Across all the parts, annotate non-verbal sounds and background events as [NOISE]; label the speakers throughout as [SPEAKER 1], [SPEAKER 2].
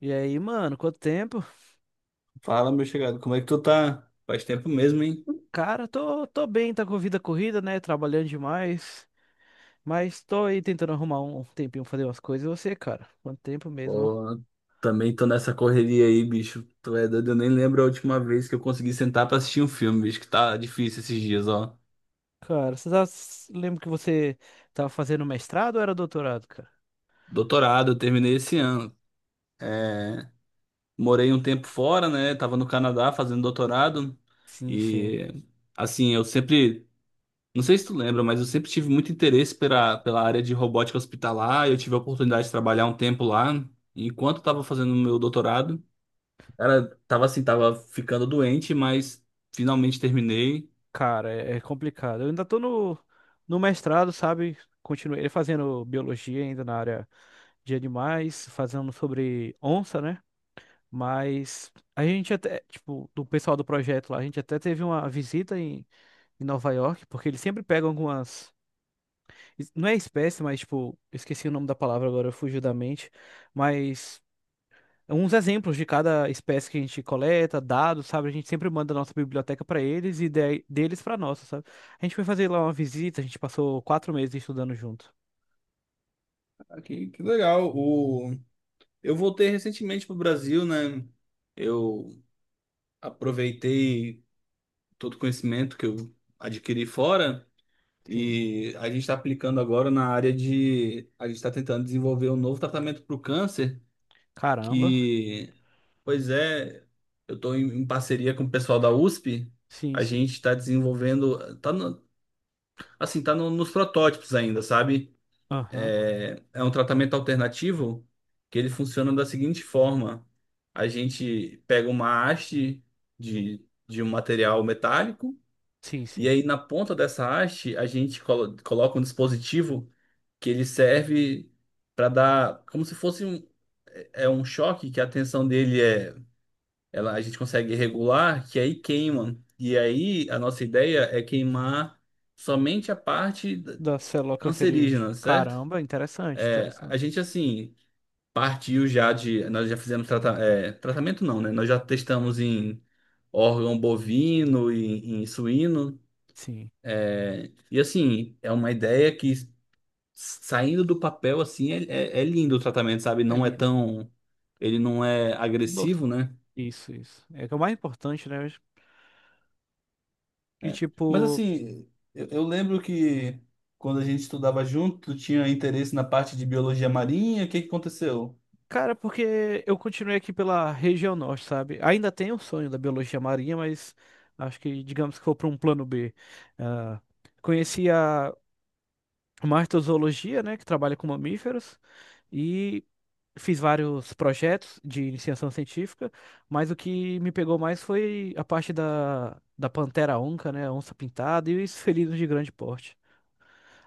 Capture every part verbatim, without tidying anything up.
[SPEAKER 1] E aí, mano, quanto tempo?
[SPEAKER 2] Fala, meu chegado, como é que tu tá? Faz tempo mesmo, hein?
[SPEAKER 1] Cara, tô, tô bem, tá com a vida corrida, né? Trabalhando demais. Mas tô aí tentando arrumar um um tempinho pra fazer umas coisas. E você, cara? Quanto tempo mesmo? Ó?
[SPEAKER 2] Pô, também tô nessa correria aí, bicho. Tu é doido, eu nem lembro a última vez que eu consegui sentar pra assistir um filme, bicho, que tá difícil esses dias, ó.
[SPEAKER 1] Cara, você tá... lembra que você tava fazendo mestrado ou era doutorado, cara?
[SPEAKER 2] Doutorado, eu terminei esse ano. Morei um tempo fora, né? Tava no Canadá fazendo doutorado.
[SPEAKER 1] Sim, sim.
[SPEAKER 2] E, assim, eu sempre. Não sei se tu lembra, mas eu sempre tive muito interesse pela, pela área de robótica hospitalar. Eu tive a oportunidade de trabalhar um tempo lá, enquanto eu tava fazendo o meu doutorado. Cara, tava assim, tava ficando doente, mas finalmente terminei.
[SPEAKER 1] Cara, é, é complicado. Eu ainda tô no, no mestrado, sabe? Continuei fazendo biologia ainda na área de animais, fazendo sobre onça, né? Mas a gente até, tipo, do pessoal do projeto lá, a gente até teve uma visita em em Nova York, porque eles sempre pegam algumas. es- Não é espécie, mas tipo, eu esqueci o nome da palavra agora, fugiu da mente. Mas uns exemplos de cada espécie que a gente coleta, dados, sabe? A gente sempre manda a nossa biblioteca para eles e de- deles para nossa, sabe? A gente foi fazer lá uma visita, a gente passou quatro meses estudando junto.
[SPEAKER 2] Ah, que, que legal. O... Eu voltei recentemente pro Brasil, né? Eu aproveitei todo o conhecimento que eu adquiri fora
[SPEAKER 1] Sim.
[SPEAKER 2] e a gente está aplicando agora na área de. A gente está tentando desenvolver um novo tratamento para o câncer,
[SPEAKER 1] Caramba.
[SPEAKER 2] que, pois é, eu estou em, em parceria com o pessoal da USP.
[SPEAKER 1] Sim,
[SPEAKER 2] A
[SPEAKER 1] sim.
[SPEAKER 2] gente está desenvolvendo. Tá no- assim, tá no- nos protótipos ainda, sabe?
[SPEAKER 1] Aham.
[SPEAKER 2] é, é um tratamento alternativo que ele funciona da seguinte forma: a gente pega uma haste de, de um material metálico
[SPEAKER 1] Sim,
[SPEAKER 2] e
[SPEAKER 1] sim.
[SPEAKER 2] aí na ponta dessa haste a gente colo- coloca um dispositivo que ele serve para dar como se fosse um é é um choque que a tensão dele é ela a gente consegue regular que aí queima e aí a nossa ideia é queimar somente a parte da-
[SPEAKER 1] Da célula cancerígena.
[SPEAKER 2] cancerígena, certo?
[SPEAKER 1] Caramba, interessante,
[SPEAKER 2] A
[SPEAKER 1] interessante.
[SPEAKER 2] gente assim partiu já de. Nós já fizemos trata- é, tratamento, não, né? Nós já testamos em órgão bovino e em suíno.
[SPEAKER 1] Sim.
[SPEAKER 2] E assim, é uma ideia que saindo do papel, assim, é, é- é lindo o tratamento, sabe? Não é
[SPEAKER 1] Ele.
[SPEAKER 2] tão. Ele não é
[SPEAKER 1] Nossa,
[SPEAKER 2] agressivo, né?
[SPEAKER 1] isso, isso. É que é o mais importante, né? E
[SPEAKER 2] É. Mas
[SPEAKER 1] tipo,
[SPEAKER 2] assim, eu, eu lembro que quando a gente estudava junto, tu tinha interesse na parte de biologia marinha, o que que aconteceu?
[SPEAKER 1] cara, porque eu continuei aqui pela região norte, sabe? Ainda tenho o sonho da biologia marinha, mas acho que, digamos que for para um plano B. Ah, conheci a martozoologia, né? Que trabalha com mamíferos. E fiz vários projetos de iniciação científica, mas o que me pegou mais foi a parte da, da Pantera Onca, né? Onça Pintada e os felinos de grande porte.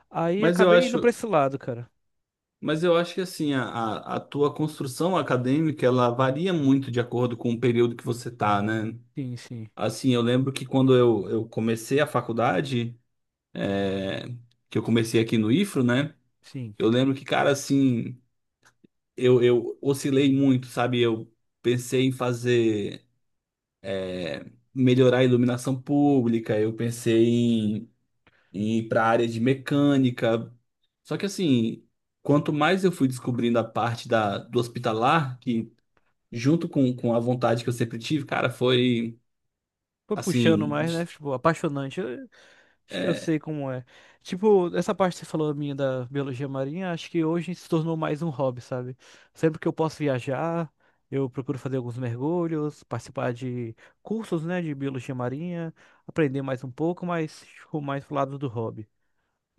[SPEAKER 1] Aí
[SPEAKER 2] Mas eu
[SPEAKER 1] acabei indo pra
[SPEAKER 2] acho,
[SPEAKER 1] esse lado, cara.
[SPEAKER 2] Mas eu acho que assim, a, a, a tua construção acadêmica, ela varia muito de acordo com o período que você tá, né?
[SPEAKER 1] Sim, sim,
[SPEAKER 2] Assim, eu lembro que quando eu, eu comecei a faculdade, é, que eu comecei aqui no IFRO, né?
[SPEAKER 1] sim.
[SPEAKER 2] Eu lembro que, cara, assim, eu, eu oscilei muito, sabe? Eu pensei em fazer, melhorar a iluminação pública, eu pensei em, em ir para a área de mecânica. Só que, assim, quanto mais eu fui descobrindo a parte da, do hospitalar, que junto com, com a vontade que eu sempre tive, cara, foi
[SPEAKER 1] Foi puxando
[SPEAKER 2] assim.
[SPEAKER 1] mais, né? Tipo, apaixonante. Acho que eu
[SPEAKER 2] é,
[SPEAKER 1] sei como é. Tipo, essa parte que você falou minha da biologia marinha, acho que hoje se tornou mais um hobby, sabe? Sempre que eu posso viajar, eu procuro fazer alguns mergulhos, participar de cursos, né, de biologia marinha, aprender mais um pouco, mas ficou mais pro lado do hobby.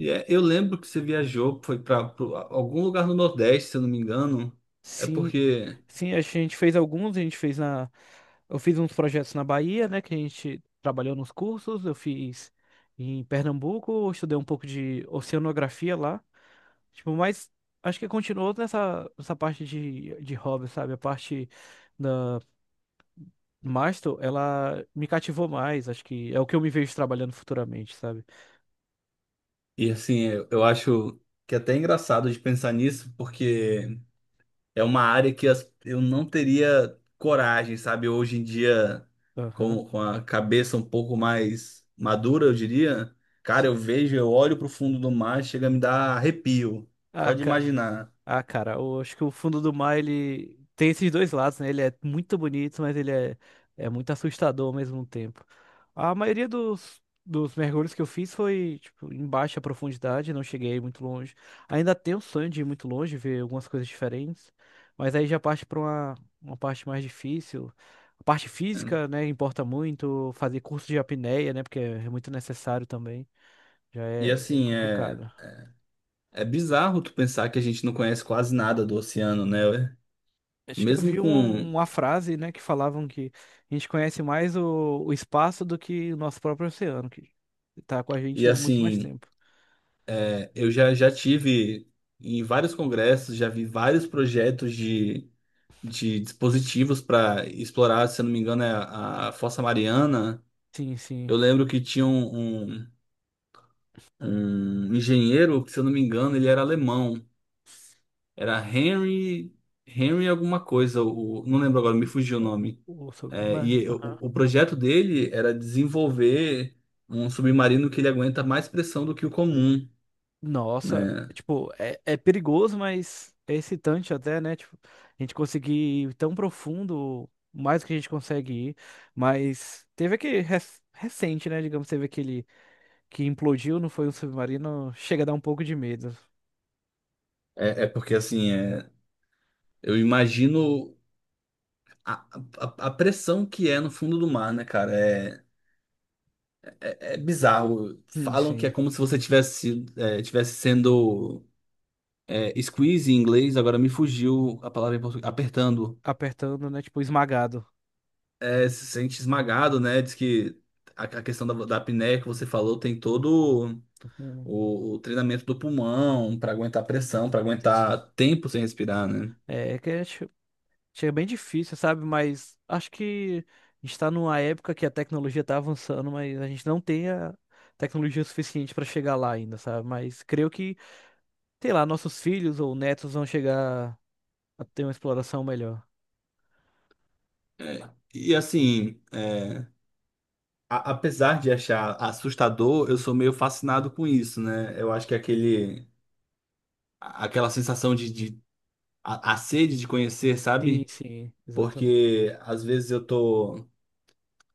[SPEAKER 2] é- eu lembro que você viajou, foi para algum lugar no Nordeste, se eu não me engano. É
[SPEAKER 1] Sim,
[SPEAKER 2] porque,
[SPEAKER 1] sim, a gente fez alguns, a gente fez na. Eu fiz uns projetos na Bahia, né? Que a gente trabalhou nos cursos, eu fiz em Pernambuco, eu estudei um pouco de oceanografia lá. Tipo, mas acho que continuou nessa, nessa parte de, de hobby, sabe? A parte da Mastro, ela me cativou mais, acho que é o que eu me vejo trabalhando futuramente, sabe?
[SPEAKER 2] e assim, eu, eu acho que é até engraçado de pensar nisso, porque é uma área que as- eu não teria coragem, sabe? Hoje em dia,
[SPEAKER 1] Aham,
[SPEAKER 2] com, com a cabeça um pouco mais madura, eu diria. Cara, eu
[SPEAKER 1] sim.
[SPEAKER 2] vejo, eu olho pro fundo do mar, chega a me dar arrepio, só
[SPEAKER 1] Ah,
[SPEAKER 2] de imaginar.
[SPEAKER 1] ah, cara, eu acho que o fundo do mar, ele tem esses dois lados, né? Ele é muito bonito, mas ele é, é muito assustador ao mesmo tempo. A maioria dos, dos mergulhos que eu fiz foi, tipo, em baixa profundidade, não cheguei muito longe. Ainda tenho o sonho de ir muito longe, ver algumas coisas diferentes, mas aí já parte para uma, uma parte mais difícil. A parte
[SPEAKER 2] Né?
[SPEAKER 1] física, né, importa muito, fazer curso de apneia, né, porque é muito necessário também, já
[SPEAKER 2] E
[SPEAKER 1] é é
[SPEAKER 2] assim, é,
[SPEAKER 1] complicado.
[SPEAKER 2] é bizarro tu pensar que a gente não conhece quase nada do oceano, né?
[SPEAKER 1] Acho que eu
[SPEAKER 2] Mesmo
[SPEAKER 1] vi um-
[SPEAKER 2] com.
[SPEAKER 1] uma frase, né, que falavam que a gente conhece mais o, o espaço do que o nosso próprio oceano, que tá com a
[SPEAKER 2] E
[SPEAKER 1] gente muito mais
[SPEAKER 2] assim,
[SPEAKER 1] tempo.
[SPEAKER 2] é, eu já, já tive em vários congressos, já vi vários projetos de, de dispositivos para explorar, se eu não me engano, é a, a Fossa Mariana.
[SPEAKER 1] Sim, sim.
[SPEAKER 2] Eu lembro que tinha um, um, um engenheiro, que, se eu não me engano, ele era alemão. Era Henry, Henry alguma coisa, o, não lembro agora, me fugiu o nome.
[SPEAKER 1] O
[SPEAKER 2] É,
[SPEAKER 1] sobrenome.
[SPEAKER 2] e o,
[SPEAKER 1] é-
[SPEAKER 2] o projeto dele era desenvolver um submarino que ele aguenta mais pressão do que o comum,
[SPEAKER 1] Nossa,
[SPEAKER 2] né?
[SPEAKER 1] tipo, é, é perigoso, mas é excitante até, né? Tipo, a gente conseguir ir tão profundo, mais do que a gente consegue ir. Mas teve aquele rec- recente, né? Digamos, teve aquele que implodiu, não foi um submarino, chega a dar um pouco de medo.
[SPEAKER 2] É, é porque assim, é, eu imagino a, a, a pressão que é no fundo do mar, né, cara? É, é, é bizarro.
[SPEAKER 1] Sim,
[SPEAKER 2] Falam que é
[SPEAKER 1] sim.
[SPEAKER 2] como se você tivesse, sido- é, tivesse sendo é, squeeze em inglês, agora me fugiu a palavra em português, apertando.
[SPEAKER 1] Apertando, né? Tipo, esmagado.
[SPEAKER 2] É, se sente esmagado, né? Diz que a, a questão da, da apneia que você falou tem todo.
[SPEAKER 1] Hum.
[SPEAKER 2] o, o treinamento do pulmão para aguentar pressão, para aguentar tempo sem respirar, né?
[SPEAKER 1] É, é que é che- chega bem difícil, sabe? Mas acho que a gente está numa época que a tecnologia está avançando, mas a gente não tem a tecnologia suficiente para chegar lá ainda, sabe? Mas creio que, sei lá, nossos filhos ou netos vão chegar a ter uma exploração melhor.
[SPEAKER 2] É, e assim, é, a- apesar de achar assustador, eu sou meio fascinado com isso, né? Eu acho que é aquele, a- aquela sensação de, de- a, a sede de conhecer,
[SPEAKER 1] Sim,
[SPEAKER 2] sabe?
[SPEAKER 1] sim, exatamente.
[SPEAKER 2] Porque às vezes eu tô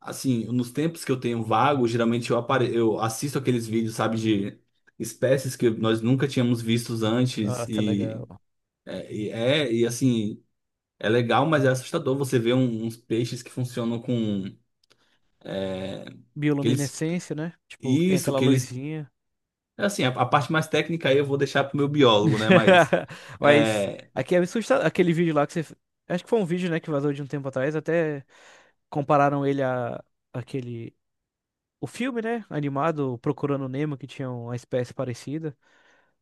[SPEAKER 2] assim, nos tempos que eu tenho vago, geralmente eu apare... eu assisto aqueles vídeos, sabe, de espécies que nós nunca tínhamos vistos antes
[SPEAKER 1] Nossa, é
[SPEAKER 2] e
[SPEAKER 1] legal.
[SPEAKER 2] é, e é, e, assim, é legal, mas é assustador você ver um- uns peixes que funcionam com. é, que eles,
[SPEAKER 1] Bioluminescência, né? Tipo, tem
[SPEAKER 2] isso,
[SPEAKER 1] aquela
[SPEAKER 2] que eles.
[SPEAKER 1] luzinha.
[SPEAKER 2] é Assim, a, a parte mais técnica aí eu vou deixar pro meu biólogo, né? Mas.
[SPEAKER 1] [LAUGHS] Mas
[SPEAKER 2] é,
[SPEAKER 1] aqui é assustador. Aquele vídeo lá que você. Acho que foi um vídeo, né, que vazou de um tempo atrás, até compararam ele a aquele o filme, né, animado Procurando Nemo que tinha uma espécie parecida.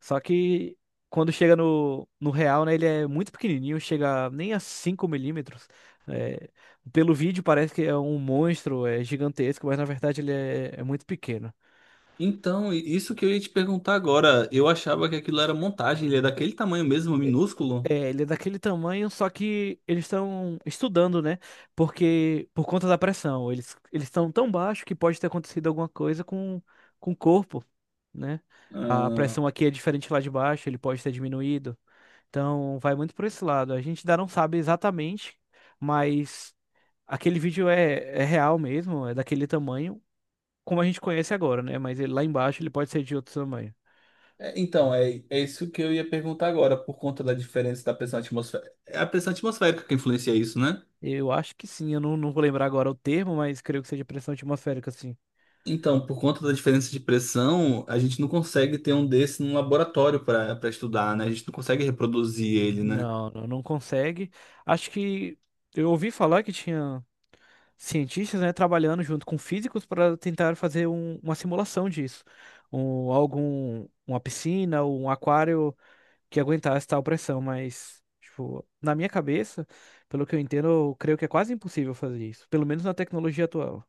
[SPEAKER 1] Só que quando chega no, no real, né, ele é muito pequenininho, chega nem a cinco milímetros. É, pelo vídeo parece que é um monstro, é gigantesco, mas na verdade ele é, é muito pequeno.
[SPEAKER 2] então, i- isso que eu ia te perguntar agora. Eu achava que aquilo era montagem, ele é daquele tamanho mesmo, minúsculo.
[SPEAKER 1] É, ele é daquele tamanho, só que eles estão estudando, né? Porque por conta da pressão, eles eles estão tão baixo que pode ter acontecido alguma coisa com, com o corpo, né? A
[SPEAKER 2] Ah,
[SPEAKER 1] pressão aqui é diferente lá de baixo, ele pode ter diminuído. Então, vai muito por esse lado. A gente ainda não sabe exatamente, mas aquele vídeo é, é real mesmo, é daquele tamanho, como a gente conhece agora, né? Mas ele, lá embaixo ele pode ser de outro tamanho.
[SPEAKER 2] é, então, é, é isso que eu ia perguntar agora, por conta da diferença da pressão atmosférica. É a pressão atmosférica que influencia isso, né?
[SPEAKER 1] Eu acho que sim, eu não, não vou lembrar agora o termo, mas creio que seja pressão atmosférica, sim.
[SPEAKER 2] Então, por conta da diferença de pressão, a gente não consegue ter um desse num laboratório para para estudar, né? A gente não consegue reproduzir ele, né?
[SPEAKER 1] Não, não não consegue. Acho que eu ouvi falar que tinha cientistas, né, trabalhando junto com físicos para tentar fazer um- uma simulação disso. Um, algum, uma piscina ou um aquário que aguentasse tal pressão, mas, tipo, na minha cabeça, pelo que eu entendo, eu creio que é quase impossível fazer isso, pelo menos na tecnologia atual.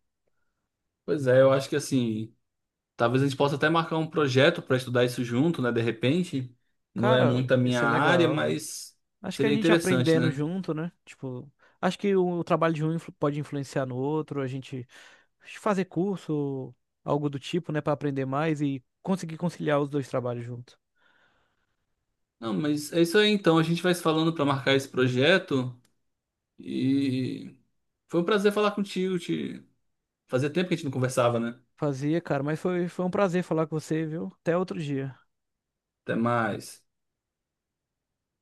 [SPEAKER 2] Pois é, eu acho que assim, talvez a gente possa até marcar um projeto para estudar isso junto, né? De repente, não é
[SPEAKER 1] Cara,
[SPEAKER 2] muito a minha
[SPEAKER 1] isso é
[SPEAKER 2] área,
[SPEAKER 1] legal.
[SPEAKER 2] mas
[SPEAKER 1] Acho que a
[SPEAKER 2] seria
[SPEAKER 1] gente
[SPEAKER 2] interessante,
[SPEAKER 1] aprendendo
[SPEAKER 2] né?
[SPEAKER 1] junto, né? Tipo, acho que o, trabalho de um influ- pode influenciar no outro, a gente fazer curso, algo do tipo, né, pra aprender mais e conseguir conciliar os dois trabalhos junto.
[SPEAKER 2] Não, mas é isso aí então, a gente vai se falando para marcar esse projeto e foi um prazer falar contigo, te... fazia tempo que a gente não conversava, né?
[SPEAKER 1] Fazia, cara, mas foi, foi um prazer falar com você, viu? Até outro dia.
[SPEAKER 2] Até mais.